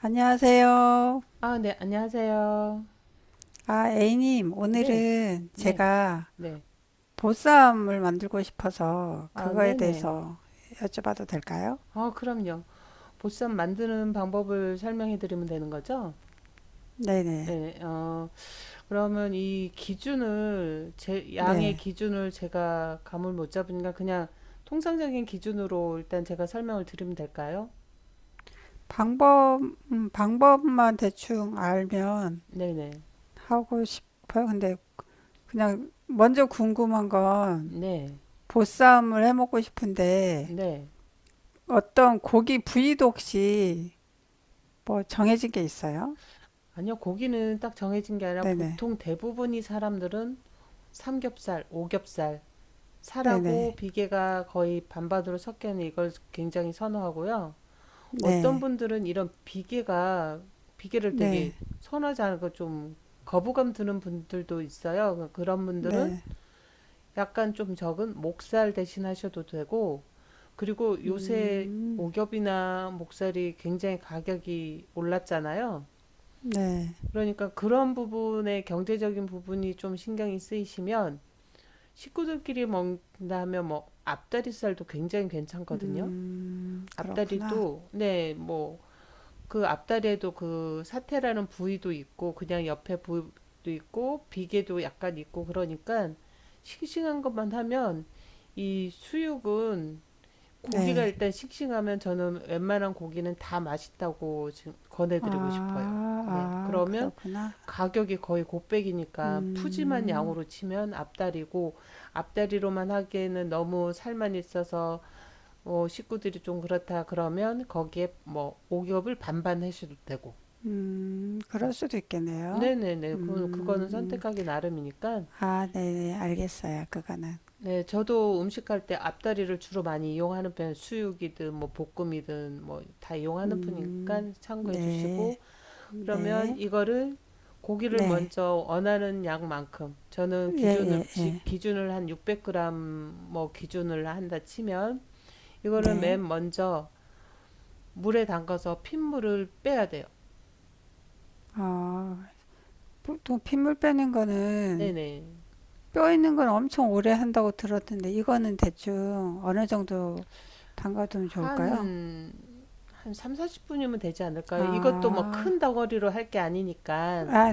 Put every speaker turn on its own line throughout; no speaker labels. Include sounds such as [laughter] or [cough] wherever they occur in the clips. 안녕하세요.
아, 네, 안녕하세요.
아, A님,
네,
오늘은
네,
제가
네.
보쌈을 만들고 싶어서
아,
그거에
네네.
대해서 여쭤봐도 될까요?
아, 그럼요. 보쌈 만드는 방법을 설명해 드리면 되는 거죠?
네네.
네, 그러면 이 기준을, 제, 양의
네.
기준을 제가 감을 못 잡으니까 그냥 통상적인 기준으로 일단 제가 설명을 드리면 될까요?
방법, 방법만 대충 알면
네네.
하고 싶어요. 근데 그냥 먼저 궁금한 건
네,
보쌈을 해 먹고 싶은데
네.
어떤 고기 부위도 혹시 뭐 정해진 게 있어요?
아니요, 고기는 딱 정해진 게 아니라
네네.
보통 대부분이 사람들은 삼겹살, 오겹살,
네네.
살하고 비계가 거의 반반으로 섞여 있는 이걸 굉장히 선호하고요. 어떤
네.
분들은 이런 비계가 비계를 되게
네.
선호하지 않고 좀 거부감 드는 분들도 있어요. 그러니까 그런 분들은
네.
약간 좀 적은 목살 대신 하셔도 되고, 그리고 요새
음.
오겹이나 목살이 굉장히 가격이 올랐잖아요.
네.
그러니까 그런 부분에 경제적인 부분이 좀 신경이 쓰이시면 식구들끼리 먹는다면 뭐 앞다리살도 굉장히 괜찮거든요.
그렇구나.
앞다리도 네, 뭐 그 앞다리에도 그 사태라는 부위도 있고 그냥 옆에 부위도 있고 비계도 약간 있고 그러니까 싱싱한 것만 하면 이 수육은 고기가
네.
일단 싱싱하면 저는 웬만한 고기는 다 맛있다고 지금 권해드리고
아,
싶어요. 네,
아,
그러면
그렇구나.
가격이 거의 곱백이니까 푸짐한
음,
양으로 치면 앞다리고, 앞다리로만 하기에는 너무 살만 있어서 뭐 식구들이 좀 그렇다 그러면 거기에 뭐 오겹을 반반 해셔도 되고. 음.
그럴 수도 있겠네요.
네네네, 그 그거는
음,
선택하기 나름이니까.
아, 네네, 알겠어요. 그거는.
네, 저도 음식할 때 앞다리를 주로 많이 이용하는 편, 수육이든 뭐 볶음이든 뭐 다 이용하는
음,
편이니까 참고해
네,
주시고, 그러면
네,
이거를 고기를
네.
먼저 원하는 양만큼 저는
예, 예, 예.
기준을 한 600g, 뭐 기준을 한다 치면 이거를
네.
맨 먼저 물에 담가서 핏물을 빼야 돼요.
어, 보통 핏물 빼는 거는
네네.
뼈 있는 건 엄청 오래 한다고 들었는데 이거는 대충 어느 정도 담가두면 좋을까요?
한, 한 3, 40분이면 되지 않을까요? 이것도 뭐
아,
큰 덩어리로 할 게 아니니까.
아,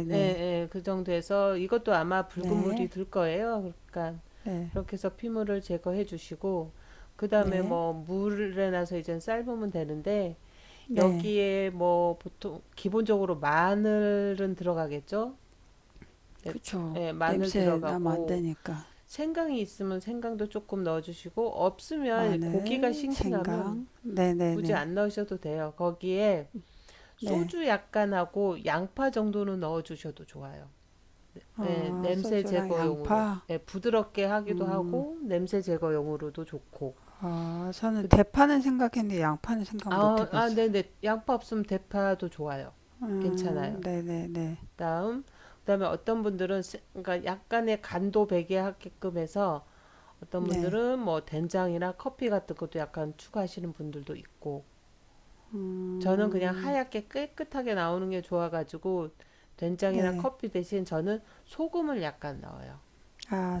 네, 네, 그 정도에서 이것도 아마
네,
붉은 물이
네,
들 거예요. 그러니까
네, 네.
그렇게 해서 피물을 제거해 주시고 그 다음에
네,
뭐 물에 나서 이제 삶으면 되는데,
네.
여기에 뭐 보통 기본적으로 마늘은 들어가겠죠? 예,
그쵸.
예, 마늘
냄새 나면 안
들어가고
되니까.
생강이 있으면 생강도 조금 넣어주시고, 없으면 고기가
마늘,
싱싱하면
생강,
굳이
네네네.
안 넣으셔도 돼요. 거기에
네.
소주 약간 하고 양파 정도는 넣어주셔도 좋아요. 예,
어,
냄새
소주랑
제거용으로.
양파.
예, 부드럽게 하기도
음,
하고 냄새 제거용으로도 좋고.
어, 저는
그-
대파는 생각했는데 양파는 생각 못
아, 아,
해봤어요.
네네. 양파 없으면 대파도 좋아요. 괜찮아요.
네네네. 네.
다음, 그다음에 그러니까 약간의 간도 배게 하게끔 해서 어떤
네. 네.
분들은 뭐 된장이나 커피 같은 것도 약간 추가하시는 분들도 있고, 저는 그냥
음,
하얗게 깨끗하게 나오는 게 좋아가지고 된장이나
네.
커피 대신 저는 소금을 약간 넣어요.
아,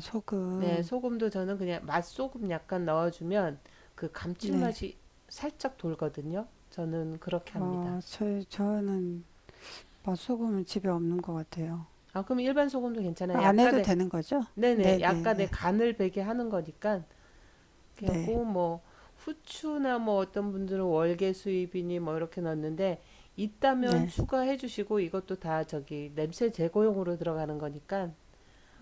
네,
소금.
소금도 저는 그냥 맛소금 약간 넣어주면 그
네.
감칠맛이 살짝 돌거든요. 저는 그렇게 합니다.
어, 저는 맛소금은 집에 없는 것 같아요.
아, 그럼 일반 소금도 괜찮아요.
안 해도
약간의,
되는 거죠?
네네,
네네네.
약간의 간을 배게 하는 거니까. 그래
네,
고뭐 후추나 뭐 어떤 분들은 월계 수잎이니 뭐 이렇게 넣는데, 있다면
네,
추가해 주시고 이것도 다 저기 냄새 제거용으로 들어가는 거니까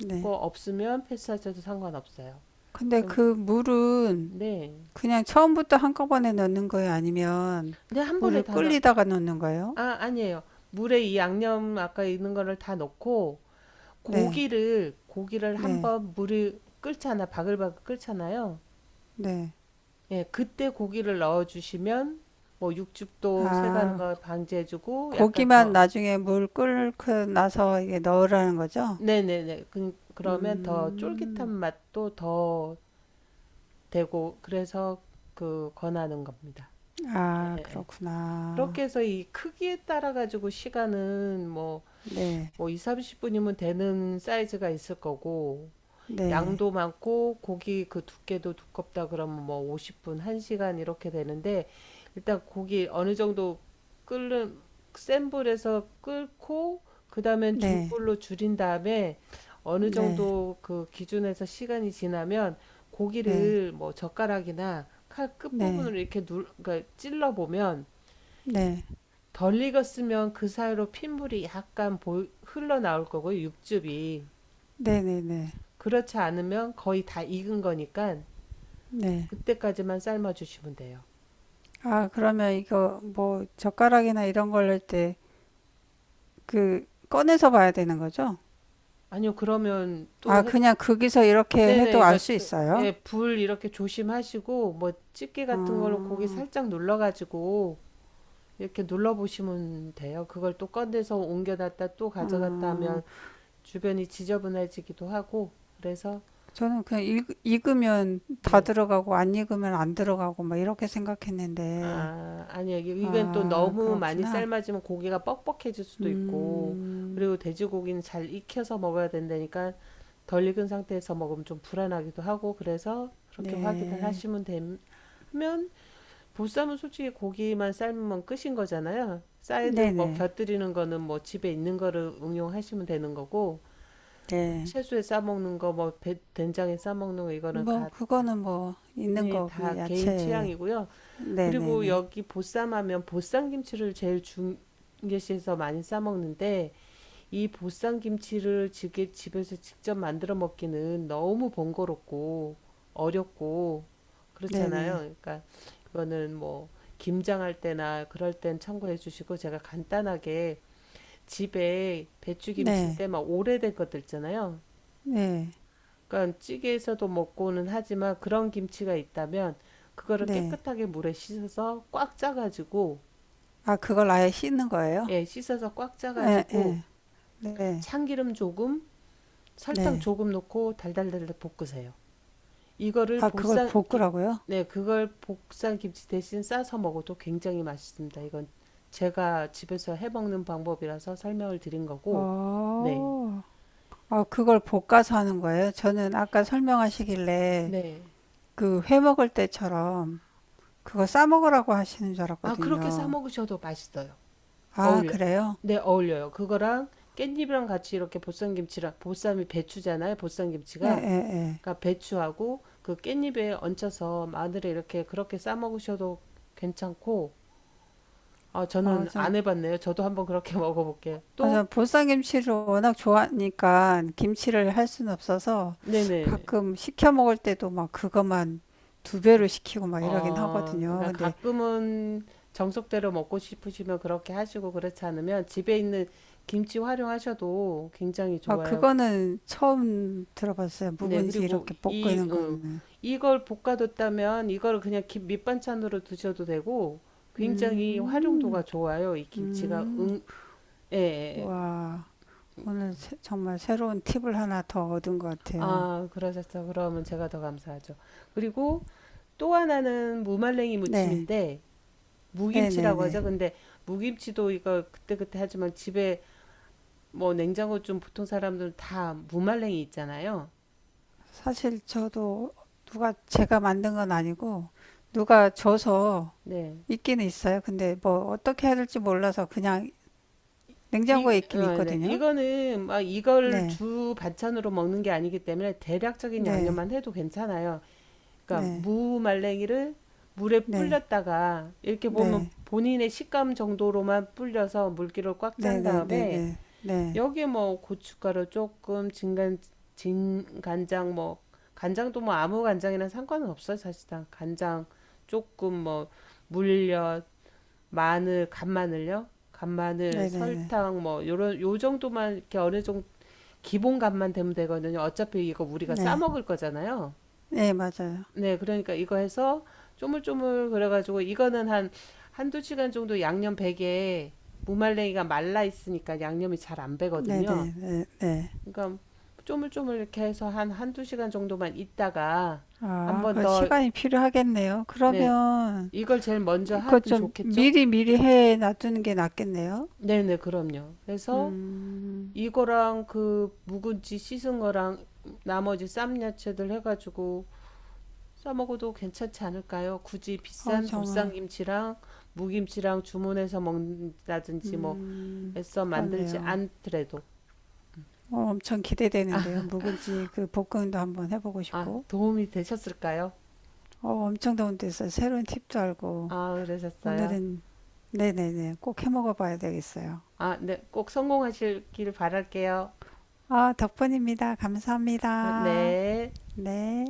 네.
그거 없으면 패스하셔도 상관없어요.
근데
그럼
그 물은
네.
그냥 처음부터 한꺼번에 넣는 거예요? 아니면
근데 한
물을
번에 다 넣,
끓이다가 넣는 거예요?
아, 아니에요. 물에 이 양념 아까 있는 거를 다 넣고
네,
고기를
네,
한번 물을 끓잖아, 바글바글 끓잖아요.
네.
예, 그때 고기를 넣어주시면 뭐 육즙도 새가는
아,
걸 방지해주고 약간
고기만
더,
나중에 물 끓고 나서 이게 넣으라는 거죠?
네네네, 그러면 더 쫄깃한
음,
맛도 더 되고, 그래서 그 권하는 겁니다.
아, 그렇구나.
그렇게 해서 이 크기에 따라 가지고 시간은 뭐,
네,
뭐 2, 30분이면 되는 사이즈가 있을 거고,
네,
양도 많고 고기 그 두께도 두껍다 그러면 뭐 50분, 1시간 이렇게 되는데, 일단 고기 어느 정도 끓는, 센 불에서 끓고 그다음엔
네,
중불로 줄인 다음에 어느
네,
정도 그 기준에서 시간이 지나면
네,
고기를 뭐 젓가락이나 칼
네,
끝부분으로 이렇게 눌, 그러니까 찔러 보면
네,
덜 익었으면 그 사이로 핏물이 흘러나올 거고요, 육즙이.
네, 네, 네,
그렇지 않으면 거의 다 익은 거니까
네.
그때까지만 삶아주시면 돼요.
아, 그러면 이거 뭐 젓가락이나 이런 걸 넣을 때 그 꺼내서 봐야 되는 거죠?
아니요, 그러면
아, 그냥 거기서 이렇게 해도
네네,
알 수 있어요?
예, 불 이렇게 조심하시고 뭐 집게
아,
같은 걸로 고기 살짝 눌러가지고 이렇게 눌러보시면 돼요. 그걸 또 꺼내서 옮겨놨다 또 가져갔다
아,
하면 주변이 지저분해지기도 하고, 그래서
저는 그냥 읽으면 다
네,
들어가고 안 읽으면 안 들어가고 막 이렇게 생각했는데,
아, 아니야. 이건 또
아,
너무 많이
그렇구나.
삶아지면 고기가 뻑뻑해질 수도 있고,
음,
그리고 돼지고기는 잘 익혀서 먹어야 된다니까 덜 익은 상태에서 먹으면 좀 불안하기도 하고, 그래서 그렇게 확인을
네,
하시면 되면 보쌈은 솔직히 고기만 삶으면 끝인 거잖아요. 사이드 뭐
네네,
곁들이는 거는 뭐 집에 있는 거를 응용하시면 되는 거고, 뭐
네.
채소에 싸먹는 거, 된장에 싸먹는 거,
뭐 그거는 뭐 있는
네,
거
다
그냥
개인
야채,
취향이고요. 그리고
네네네,
여기 보쌈하면 보쌈김치를 제일 중계시에서 많이 싸먹는데 이 보쌈김치를 집에서 직접 만들어 먹기는 너무 번거롭고 어렵고 그렇잖아요.
네네,
그러니까 이거는 뭐 김장할 때나 그럴 땐 참고해 주시고, 제가 간단하게 집에
네,
배추김치인데 막 오래된 것들 있잖아요.
네,
그러니까 찌개에서도 먹고는 하지만 그런 김치가 있다면 그거를
네.
깨끗하게 물에 씻어서 꽉 짜가지고,
아, 그걸 아예 씻는 거예요?
예, 씻어서 꽉
예,
짜가지고
예, 네.
참기름 조금, 설탕
네.
조금 넣고 달달달달 볶으세요. 이거를
아, 그걸
보쌈, 기-
볶으라고요?
네, 그걸 보쌈 김치 대신 싸서 먹어도 굉장히 맛있습니다. 이건 제가 집에서 해 먹는 방법이라서 설명을 드린 거고, 네,
어, 아, 그걸 볶아서 하는 거예요? 저는 아까 설명하시길래
네.
그 회 먹을 때처럼 그거 싸 먹으라고 하시는 줄
아, 그렇게 싸
알았거든요.
먹으셔도 맛있어요.
아,
어울려.
그래요?
네, 어울려요. 그거랑 깻잎이랑 같이 이렇게 보쌈 김치랑, 보쌈이 배추잖아요, 보쌈
예,
김치가.
예, 예.
그러니까 배추하고 그 깻잎에 얹혀서 마늘에 이렇게 그렇게 싸 먹으셔도 괜찮고, 아,
어,
저는
전,
안 해봤네요. 저도 한번 그렇게 [laughs] 먹어볼게요.
어,
또,
전 보쌈김치를 워낙 좋아하니까 김치를 할 수는 없어서
네네.
가끔 시켜 먹을 때도 막 그것만 두 배로 시키고 막 이러긴
어,
하거든요.
그러니까
근데,
가끔은 정석대로 먹고 싶으시면 그렇게 하시고, 그렇지 않으면 집에 있는 김치 활용하셔도 굉장히
아,
좋아요.
그거는 처음 들어봤어요.
네,
묵은지
그리고
이렇게
이,
볶는 거는.
이걸 볶아뒀다면 이걸 그냥 김, 밑반찬으로 드셔도 되고, 굉장히 활용도가
음,
좋아요. 이 김치가
음,
응, 예, 예, 예.
와, 오늘 정말 새로운 팁을 하나 더 얻은 것 같아요.
아, 그러셨어. 그러면 제가 더 감사하죠. 그리고 또 하나는 무말랭이
네,
무침인데 무김치라고
네네네.
하죠. 근데 무김치도 이거 그때그때 하지만 집에 뭐 냉장고 좀 보통 사람들은 다 무말랭이 있잖아요.
사실 저도 누가 제가 만든 건 아니고, 누가 줘서
네.
있기는 있어요. 근데 뭐 어떻게 해야 될지 몰라서 그냥 냉장고에
이,
있긴
어, 네.
있거든요.
이거는 막 이걸
네,
주 반찬으로 먹는 게 아니기 때문에 대략적인
네,
양념만 해도 괜찮아요. 그러니까
네,
무말랭이를 물에
네,
불렸다가 이렇게 보면
네,
본인의 식감 정도로만 불려서 물기를 꽉
네,
짠
네, 네,
다음에
네, 네,
여기에 뭐 고춧가루 조금, 진간장 뭐, 간장도 뭐 아무 간장이랑 상관은 없어요, 사실상. 간장 조금 뭐 물엿, 마늘, 간마늘요? 간마늘,
네, 네, 네,
설탕 뭐 요런 요 정도만 이렇게 어느 정도 기본 간만 되면 되거든요. 어차피 이거 우리가 싸
네,
먹을 거잖아요.
네, 맞아요.
네, 그러니까 이거 해서 쪼물쪼물 그래가지고, 이거는 한 한두 시간 정도 양념 배게, 무말랭이가 말라 있으니까 양념이 잘 안
네,
배거든요.
네, 네.
그러니까 쪼물쪼물 이렇게 해서 한 한두 시간 정도만 있다가 한
아,
번
그
더,
시간이 필요하겠네요.
네,
그러면
이걸 제일 먼저
그거
하면
좀
좋겠죠?
미리 미리 해 놔두는 게 낫겠네요.
네네, 그럼요. 그래서
음,
이거랑 그 묵은지 씻은 거랑 나머지 쌈 야채들 해가지고 싸먹어도 괜찮지 않을까요? 굳이
어우
비싼
정말,
보쌈김치랑 무김치랑 주문해서 먹는다든지 뭐 애써 만들지
그러네요.
않더라도.
어, 엄청 기대되는데요. 묵은지 그 볶음도 한번 해보고
아,
싶고,
도움이 되셨을까요?
어, 엄청 다운데서 새로운 팁도 알고,
아, 그러셨어요?
오늘은 네네네 꼭 해 먹어봐야 되겠어요.
아, 네, 꼭 성공하시길 바랄게요.
아, 덕분입니다. 감사합니다.
네.
네.